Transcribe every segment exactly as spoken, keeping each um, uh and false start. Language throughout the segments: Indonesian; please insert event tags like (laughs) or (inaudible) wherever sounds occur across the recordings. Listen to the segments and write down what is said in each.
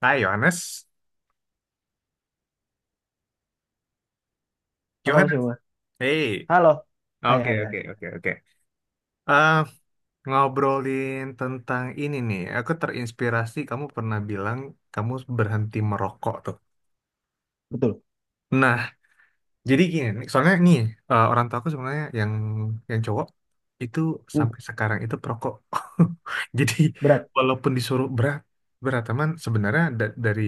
Hai Yohanes, Halo Mas Yohanes, Yoma. hey, Halo. Hai, oke hai, hai. oke oke Hai. oke. Eh, Ngobrolin tentang ini nih, aku terinspirasi kamu pernah bilang kamu berhenti merokok tuh. Betul. Nah, jadi gini, nih, soalnya nih eh, orang tua aku sebenarnya yang yang cowok itu Hmm, sampai sekarang itu perokok. (laughs) Jadi berat. walaupun disuruh berat berat teman sebenarnya da- dari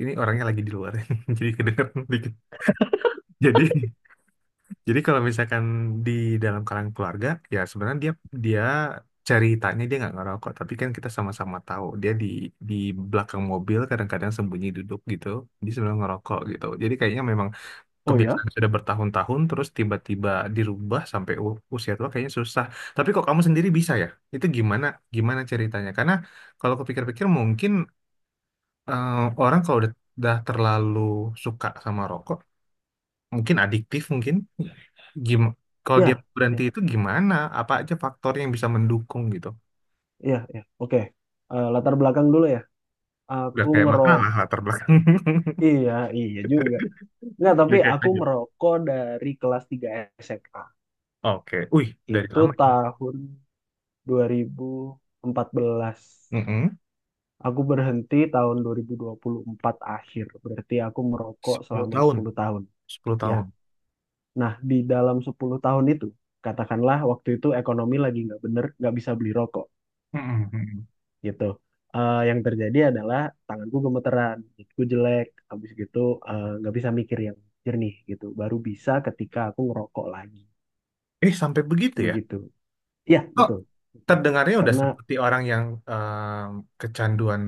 ini orangnya lagi di luar, (laughs) jadi kedengeran dikit. Jadi Jadi kalau misalkan di dalam kalangan keluarga, ya sebenarnya dia dia ceritanya dia nggak ngerokok, tapi kan kita sama-sama tahu dia di di belakang mobil kadang-kadang sembunyi duduk gitu, dia sebenarnya ngerokok gitu. Jadi kayaknya memang Oh ya? kebiasaan sudah bertahun-tahun terus tiba-tiba dirubah sampai u- usia tua kayaknya susah. Tapi kok kamu sendiri bisa ya? Itu gimana gimana ceritanya? Karena kalau kepikir-pikir mungkin eh, orang kalau udah, udah terlalu suka sama rokok, mungkin adiktif mungkin Gim kalau dia Ya, berhenti ya, itu gimana? Apa aja faktor yang bisa mendukung gitu? ya, ya. Oke. Eh, latar belakang dulu ya. Udah Aku kayak ngerok. makalah latar belakang. Iya, iya juga. Nggak, (laughs) tapi Udah kayak aku lanjut. merokok dari kelas tiga S M A. Oke. Wih, dari Itu lama. Ya? tahun dua ribu empat belas. Mm-mm. Aku berhenti tahun dua dua ribu dua puluh empat akhir. Berarti aku merokok sepuluh selama tahun. sepuluh tahun. Sepuluh Ya. tahun. Nah, di dalam sepuluh tahun itu, katakanlah waktu itu ekonomi lagi nggak bener, nggak bisa beli rokok. mm mm-mm. Gitu. Eh, yang terjadi adalah tanganku gemeteran, gigiku jelek, habis gitu, eh, nggak bisa mikir yang jernih gitu. Baru bisa ketika aku ngerokok lagi, Eh, sampai begitu ya? begitu. Ya, Kok betul. Betul. terdengarnya udah Karena seperti orang yang em, kecanduan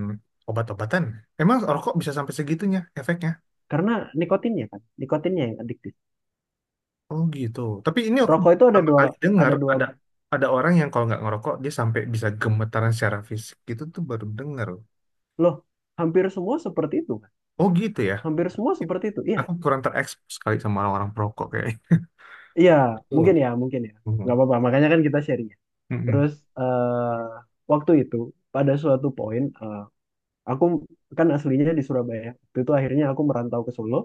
obat-obatan? Emang rokok bisa sampai segitunya efeknya? karena nikotinnya kan, nikotinnya yang adiktif. Oh gitu. Tapi ini aku Rokok itu ada pertama dua, kali dengar ada dua ada ada orang yang kalau nggak ngerokok dia sampai bisa gemetaran secara fisik. Itu tuh baru dengar. loh. Hampir semua seperti itu kan, Oh gitu ya. hampir semua seperti itu. Iya, Aku kurang terekspos sekali sama orang-orang perokok kayaknya. iya, Betul. mungkin ya, mungkin ya, nggak Mhm. apa-apa. Makanya kan kita sharing, ya. Mhm. Terus eh waktu itu pada suatu poin, eh, aku kan aslinya di Surabaya. Waktu itu akhirnya aku merantau ke Solo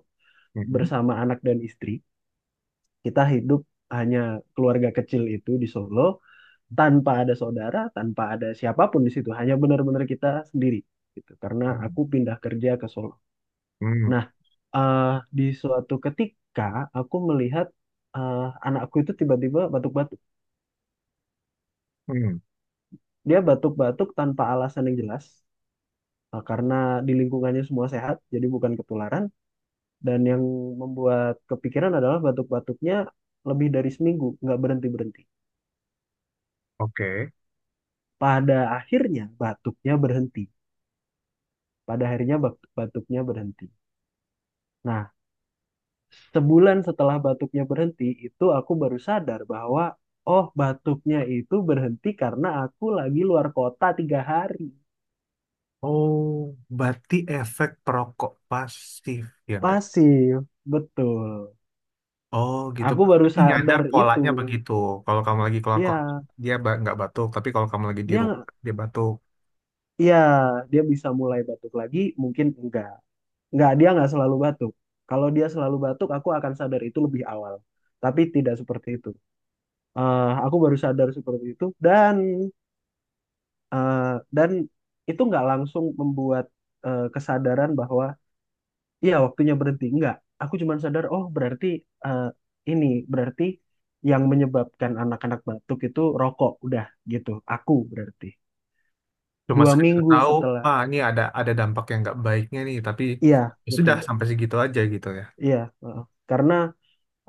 Mhm. bersama anak dan istri. Kita hidup hanya keluarga kecil itu di Solo tanpa ada saudara, tanpa ada siapapun di situ. Hanya benar-benar kita sendiri gitu. Karena aku pindah kerja ke Solo. Mhm. Nah, eh, di suatu ketika aku melihat, eh, anakku itu tiba-tiba batuk-batuk. Mhm. Dia batuk-batuk tanpa alasan yang jelas, eh, karena di lingkungannya semua sehat, jadi bukan ketularan. Dan yang membuat kepikiran adalah batuk-batuknya lebih dari seminggu, nggak berhenti-berhenti. Oke. Pada akhirnya batuknya berhenti. Pada akhirnya bak- batuknya berhenti. Nah, sebulan setelah batuknya berhenti, itu aku baru sadar bahwa, oh batuknya itu berhenti karena aku lagi luar kota tiga hari. Oh, berarti efek perokok pasif ya nggak? Pasif, betul. Oh gitu. Aku Berarti baru kamu nyadar sadar itu. polanya begitu. Kalau kamu lagi keluar kota Ya, dia ba- nggak batuk, tapi kalau kamu lagi di rumah dia dia batuk. ya dia bisa mulai batuk lagi, mungkin enggak. Nggak, dia nggak selalu batuk. Kalau dia selalu batuk, aku akan sadar itu lebih awal. Tapi tidak seperti itu. Eh, aku baru sadar seperti itu, dan eh, dan itu nggak langsung membuat, eh, kesadaran bahwa iya waktunya berhenti. Nggak. Aku cuma sadar, oh berarti, eh, ini berarti yang menyebabkan anak-anak batuk itu rokok. Udah gitu. Aku berarti Cuma dua sekedar minggu tahu, setelah. ah ini ada ada dampak yang nggak baiknya nih, tapi Iya, ya sudah betul. sampai segitu aja gitu ya. Iya. Heeh. Karena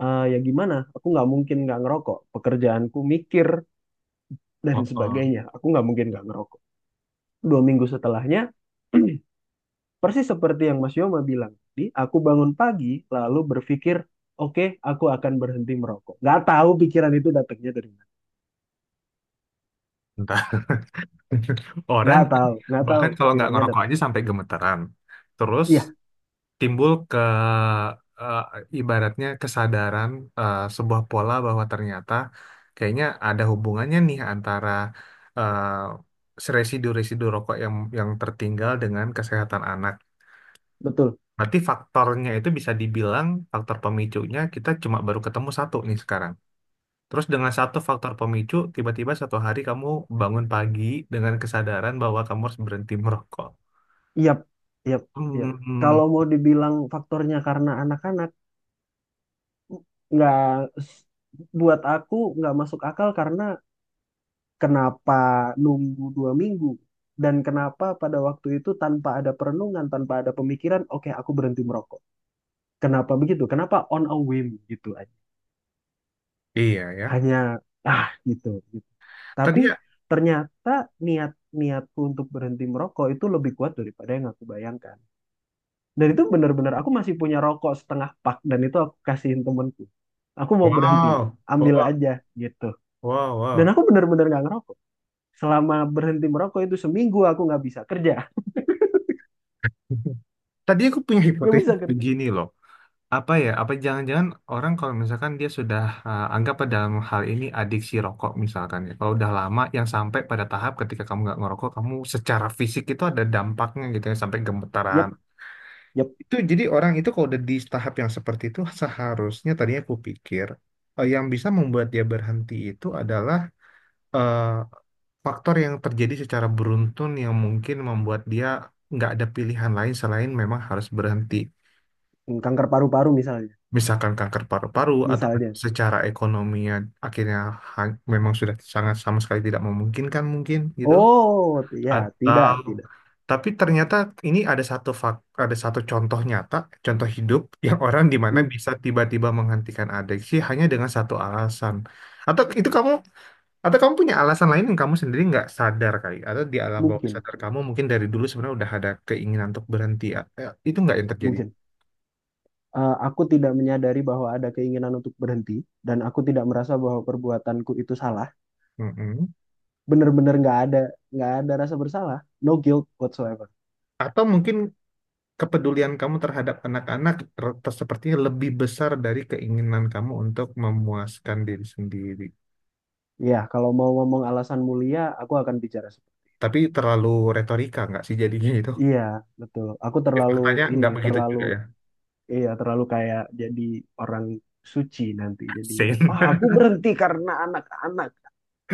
eh, ya gimana, aku nggak mungkin nggak ngerokok, pekerjaanku mikir (laughs) dan Oh, oh. sebagainya, aku nggak mungkin nggak ngerokok dua minggu setelahnya. (clears throat) Persis seperti yang Mas Yoma bilang tadi, aku bangun pagi lalu berpikir, oke, aku akan berhenti merokok. Nggak tahu pikiran itu datangnya dari mana. (laughs) nggak Orang tahu nggak tahu bahkan kalau nggak pikirannya ngerokok aja datangnya. sampai gemeteran. Terus Iya, timbul ke eh, ibaratnya kesadaran eh, sebuah pola bahwa ternyata kayaknya ada hubungannya nih antara eh, residu-residu rokok yang yang tertinggal dengan kesehatan anak. betul. Berarti faktornya itu bisa dibilang faktor pemicunya kita cuma baru ketemu satu nih sekarang. Terus dengan satu faktor pemicu, tiba-tiba satu hari kamu bangun pagi dengan kesadaran bahwa kamu harus berhenti merokok. Iya, iya, iya, Hmm, kalau mau dibilang faktornya karena anak-anak, nggak s- buat aku nggak masuk akal. Karena kenapa nunggu dua minggu? Dan kenapa pada waktu itu tanpa ada perenungan, tanpa ada pemikiran, oke aku berhenti merokok. Kenapa begitu? Kenapa on a whim gitu aja? iya ya. Hanya ah, gitu, gitu. Tapi Tadi ya, ternyata niat niatku untuk berhenti merokok itu lebih kuat daripada yang aku bayangkan. Dan itu benar-benar aku masih punya rokok setengah pak, dan itu aku kasihin temanku. Aku mau berhenti, wow, ambil wow, aja gitu. wow, Dan wow. aku benar-benar nggak ngerokok. Selama berhenti merokok itu seminggu aku nggak bisa kerja. (laughs) Tadi aku punya Nggak bisa hipotesis kerja. begini loh. Apa ya? Apa jangan-jangan orang kalau misalkan dia sudah eh, anggap pada dalam hal ini adiksi rokok misalkan ya. Kalau udah lama yang sampai pada tahap ketika kamu nggak ngerokok, kamu secara fisik itu ada dampaknya gitu ya sampai gemetaran, Yep, yep. itu jadi orang itu kalau udah di tahap yang seperti itu seharusnya tadinya aku pikir eh, yang bisa membuat dia berhenti itu adalah eh, faktor yang terjadi secara beruntun yang mungkin membuat dia nggak ada pilihan lain selain memang harus berhenti. Hmm, kanker paru-paru misalnya. Misalkan kanker paru-paru atau Misalnya. secara ekonominya akhirnya ha- memang sudah sangat sama sekali tidak memungkinkan mungkin gitu. Oh, t- ya, Atau tidak, tidak. tapi ternyata ini ada satu fak, ada satu contoh nyata, contoh hidup (laughs) yang orang di mana M- bisa tiba-tiba menghentikan adiksi hanya dengan satu alasan. Atau itu kamu atau kamu punya alasan lain yang kamu sendiri nggak sadar kali atau di alam bawah Mungkin, sadar kamu mungkin dari dulu sebenarnya udah ada keinginan untuk berhenti. Ya, eh, itu nggak yang terjadi. mungkin. Eh, aku tidak menyadari bahwa ada keinginan untuk berhenti, dan aku tidak merasa bahwa perbuatanku itu salah. Mm-mm. Bener-bener nggak ada, nggak ada rasa bersalah. No guilt whatsoever. Atau mungkin kepedulian kamu terhadap anak-anak ter- ter- sepertinya lebih besar dari keinginan kamu untuk memuaskan diri sendiri. Iya, kalau mau ngomong alasan mulia, aku akan bicara seperti- Tapi terlalu retorika nggak sih jadinya itu? Iya, betul. Aku terlalu Faktanya ini, nggak begitu terlalu, juga ya. iya, terlalu kayak jadi orang suci nanti jadinya. Sin. Wah, aku berhenti karena anak-anak.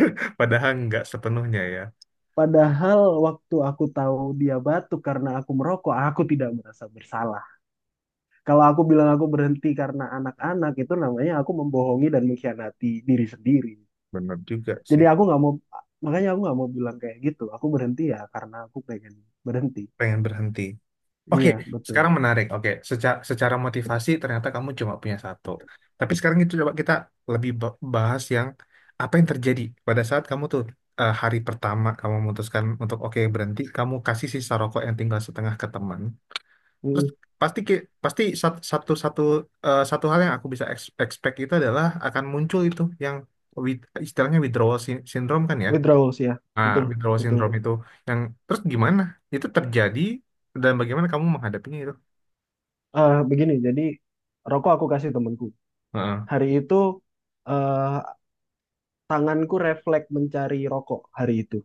(laughs) Padahal nggak sepenuhnya ya. Padahal waktu aku tahu dia batuk karena aku merokok, aku tidak merasa bersalah. Kalau aku bilang aku berhenti karena anak-anak, itu namanya aku membohongi dan mengkhianati diri sendiri. Bener juga Jadi sih. aku nggak mau, makanya aku nggak mau bilang kayak gitu. Aku berhenti ya karena aku pengen berhenti. Pengen berhenti. Oke, Iya, betul. sekarang menarik. Oke, secara, secara motivasi ternyata kamu cuma punya satu. Tapi sekarang itu coba kita lebih ba- bahas yang apa yang terjadi pada saat kamu tuh eh, hari pertama kamu memutuskan untuk oke berhenti, kamu kasih sisa rokok yang tinggal setengah ke teman. Terus Mm, pasti ki- pasti sat- satu satu eh, satu hal yang aku bisa ex- expect itu adalah akan muncul itu yang with- istilahnya withdrawal sin- syndrome kan ya. withdrawals ya, Nah, betul, withdrawal betul. syndrome itu yang terus gimana? Itu terjadi dan bagaimana kamu menghadapinya itu? Eh begini, jadi rokok aku kasih temanku. Heeh. Hari itu eh tanganku refleks mencari rokok hari itu.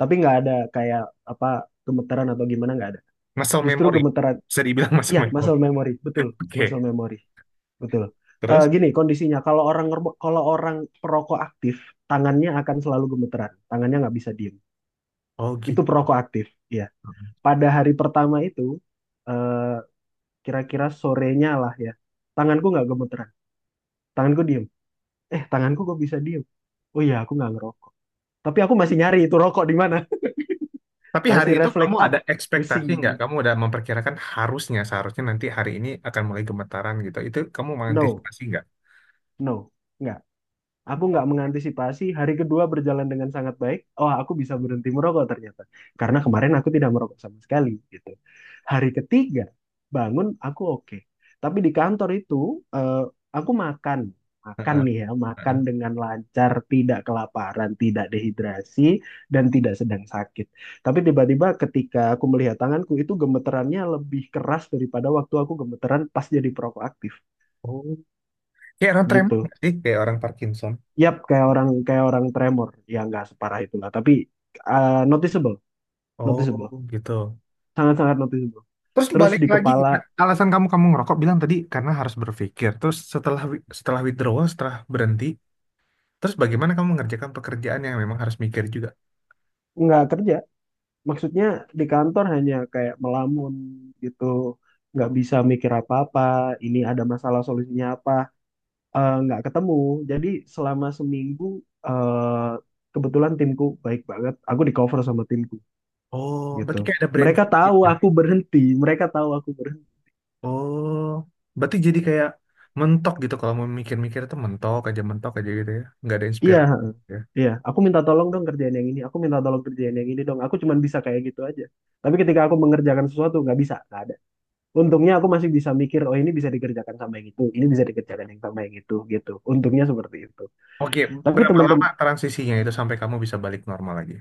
Tapi nggak ada kayak apa, gemeteran atau gimana, nggak ada. Muscle Justru memory. gemeteran, Bisa dibilang (laughs) muscle ya memory. muscle memory, betul, muscle Oke. memory, betul. Eh Terus? gini kondisinya, kalau orang ngerbo- kalau orang perokok aktif, tangannya akan selalu gemeteran, tangannya nggak bisa diem. Oh Itu gitu. perokok aktif, ya. Pada hari pertama itu, eh kira-kira sorenya lah ya, tanganku nggak gemeteran, tanganku diem. Eh, tanganku kok bisa diem? Oh iya, aku nggak ngerokok. Tapi aku masih nyari itu rokok di mana, Tapi (laughs) hari masih itu kamu refleks. Ah, ada pusing ekspektasi nggak? gitu. Kamu udah memperkirakan harusnya seharusnya nanti hari ini akan mulai gemetaran gitu. Itu kamu No, mengantisipasi nggak? no, nggak. Aku nggak mengantisipasi. Hari kedua berjalan dengan sangat baik. Oh, aku bisa berhenti merokok ternyata. Karena kemarin aku tidak merokok sama sekali gitu. Hari ketiga bangun aku oke. Tapi di kantor itu, eh, aku makan, makan Heeh. nih ya, makan dengan lancar, tidak kelaparan, tidak dehidrasi, dan tidak sedang sakit. Tapi tiba-tiba ketika aku melihat tanganku itu gemeterannya lebih keras daripada waktu aku gemeteran pas jadi perokok aktif Heeh. Kayak orang gitu. tremor nggak sih? Kayak orang Parkinson. Yap, kayak orang kayak orang tremor, ya nggak separah itulah, tapi uh, noticeable, noticeable, Oh, gitu. sangat-sangat noticeable. Terus Terus balik di lagi, kepala alasan kamu kamu ngerokok bilang tadi karena harus berpikir. Terus setelah wi- setelah withdrawal, setelah berhenti, terus bagaimana kamu mengerjakan pekerjaan yang memang harus mikir juga? nggak kerja, maksudnya di kantor hanya kayak melamun gitu, nggak bisa mikir apa-apa. Ini ada masalah solusinya apa, eh, nggak ketemu. Jadi selama seminggu, eh, kebetulan timku baik banget, aku di cover sama timku Oh, gitu. berarti kayak ada brain Mereka fog ya? tahu aku berhenti, mereka tahu aku berhenti. Oh, berarti jadi kayak mentok gitu kalau mau mikir-mikir itu mentok aja mentok aja gitu ya, nggak ada Iya, inspirasi. Ya. iya, aku minta tolong dong kerjaan yang ini. Aku minta tolong kerjaan yang ini dong. Aku cuman bisa kayak gitu aja. Tapi ketika aku mengerjakan sesuatu, nggak bisa, nggak ada. Untungnya aku masih bisa mikir, oh ini bisa dikerjakan sama yang itu, ini bisa dikerjakan yang sama yang itu, gitu. Untungnya seperti itu. Oke, Tapi berapa lama teman-teman, transisinya itu sampai kamu bisa balik normal lagi?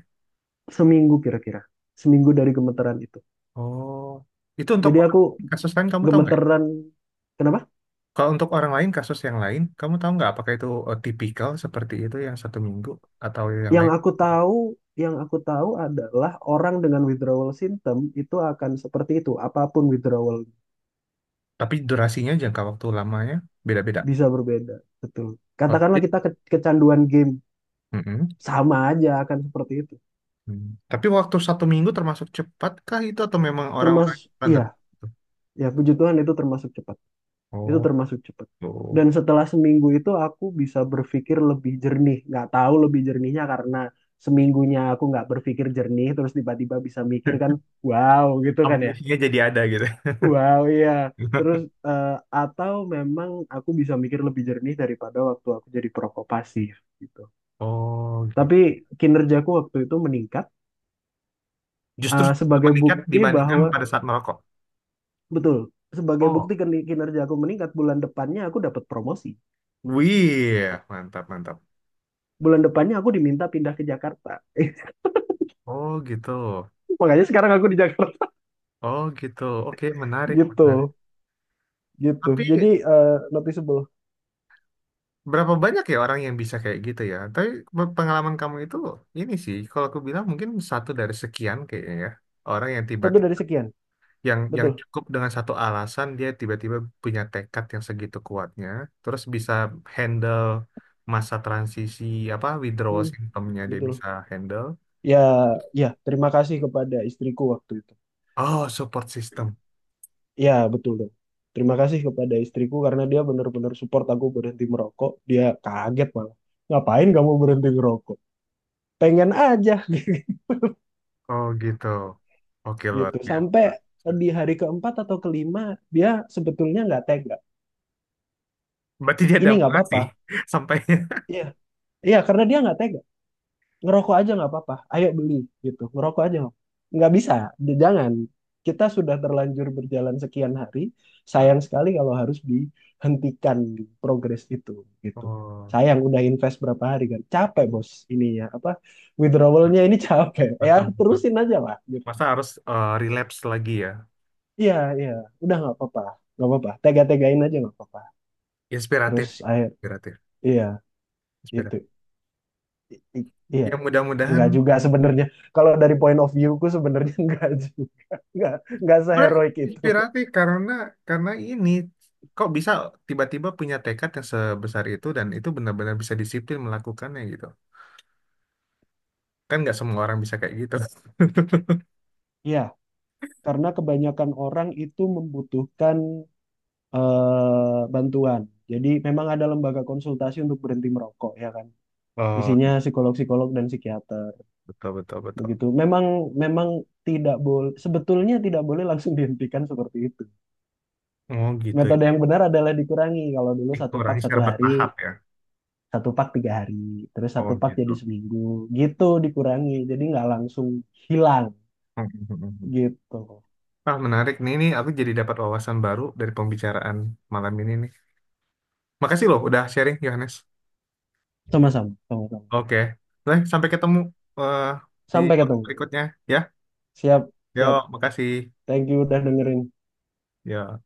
seminggu kira-kira, seminggu dari gemeteran itu. Oh, itu untuk Jadi aku kasus lain kamu tahu nggak? Ya? gemeteran, kenapa? Kalau untuk orang lain, kasus yang lain, kamu tahu nggak apakah itu eh, tipikal seperti itu yang satu minggu atau yang Yang lain? aku tahu, yang aku tahu adalah orang dengan withdrawal symptom itu akan seperti itu. Apapun withdrawal Tapi durasinya, jangka waktu lamanya beda-beda. bisa berbeda, betul. Oh, Katakanlah jadi- kita ke- kecanduan game Mm-mm. sama aja akan seperti itu. Hmm. Tapi waktu satu minggu termasuk cepat kah itu atau memang orang-orang yang Termasuk, iya, standar? ya puji Tuhan itu termasuk cepat, itu Oh, termasuk cepat. tuh. Dan setelah seminggu itu aku bisa berpikir lebih jernih, nggak tahu lebih jernihnya karena seminggunya aku nggak berpikir jernih terus tiba-tiba bisa mikir kan, (laughs) wow gitu kan ya. Amunisinya jadi ada gitu. Wow, iya. Terus (laughs) eh, atau memang aku bisa mikir lebih jernih daripada waktu aku jadi perokok pasif gitu. Oh, gitu. Tapi kinerjaku waktu itu meningkat, Justru eh, sebagai meningkat bukti dibandingkan bahwa... pada saat merokok. Betul. Sebagai bukti Oh, kin- kinerja aku meningkat, bulan depannya aku dapat promosi. wih, mantap, mantap. Bulan depannya aku diminta pindah ke Jakarta. Oh, gitu. (laughs) Makanya sekarang aku di Jakarta. Oh, gitu. Oke, (laughs) menarik, menarik. Gitu. Gitu. Tapi Jadi, eh, noticeable. berapa banyak ya orang yang bisa kayak gitu ya? Tapi pe- pengalaman kamu itu ini sih, kalau aku bilang mungkin satu dari sekian kayaknya ya. Orang yang Satu tiba-tiba dari sekian. yang yang Betul. cukup dengan satu alasan dia tiba-tiba punya tekad yang segitu kuatnya, terus bisa handle masa transisi apa withdrawal Hmm, symptomnya dia betul. bisa handle. Ya, ya, terima kasih kepada istriku waktu itu. Oh, support system. Ya, betul dong. Terima kasih kepada istriku karena dia benar-benar support aku berhenti merokok. Dia kaget malah. Ngapain kamu berhenti ngerokok? Pengen aja. (laughs) Oh gitu. Oke, luar Gitu sampai biasa. di hari keempat atau kelima dia sebetulnya nggak tega. Berarti dia ada Ini nggak apa-apa, mengasihi (laughs) sampainya. (laughs) iya, iya, karena dia nggak tega. Ngerokok aja nggak apa-apa, ayo beli gitu. Ngerokok aja nggak nggak bisa, jangan. Kita sudah terlanjur berjalan sekian hari, sayang sekali kalau harus dihentikan progres itu gitu. Oh, Sayang udah invest berapa hari, kan capek bos, ininya apa, withdrawalnya ini (laughs) capek, ya betul betul. terusin aja lah gitu. Masa harus eh, relapse lagi ya? Iya, iya, udah nggak apa-apa, nggak apa-apa, tega-tegain aja, nggak apa-apa. Terus Inspiratif, akhir, inspiratif, iya itu, inspiratif. I- i- iya, Ya mudah-mudahan nggak juga sebenarnya. Kalau dari point of view ku sebenarnya (laughs) nggak juga, nggak nggak sebenarnya seheroik itu. inspiratif karena karena ini kok bisa tiba-tiba punya tekad yang sebesar itu dan itu benar-benar bisa disiplin melakukannya gitu. Kan nggak semua orang bisa kayak gitu. Iya, karena kebanyakan orang itu membutuhkan, eh, bantuan. Jadi memang ada lembaga konsultasi untuk berhenti merokok ya kan. Oh, Isinya psikolog-psikolog dan psikiater betul betul betul. begitu. Memang memang tidak boleh, sebetulnya tidak boleh langsung dihentikan seperti itu. Oh gitu Metode ya. yang benar adalah dikurangi. Kalau dulu Itu satu pak orangnya satu secara hari, bertahap ya. satu pak tiga hari, terus Oh satu pak gitu. jadi seminggu gitu dikurangi, jadi nggak langsung hilang (laughs) gitu. Ah, menarik nih, ini aku jadi dapat wawasan baru dari pembicaraan malam ini nih. Makasih loh udah sharing, Yohanes. Sama-sama, sama-sama. Oke. Nah, sampai ketemu eh, di Sampai ketemu. berikutnya ya. Siap. Yo, Siap. makasih. Thank you udah dengerin. Yo.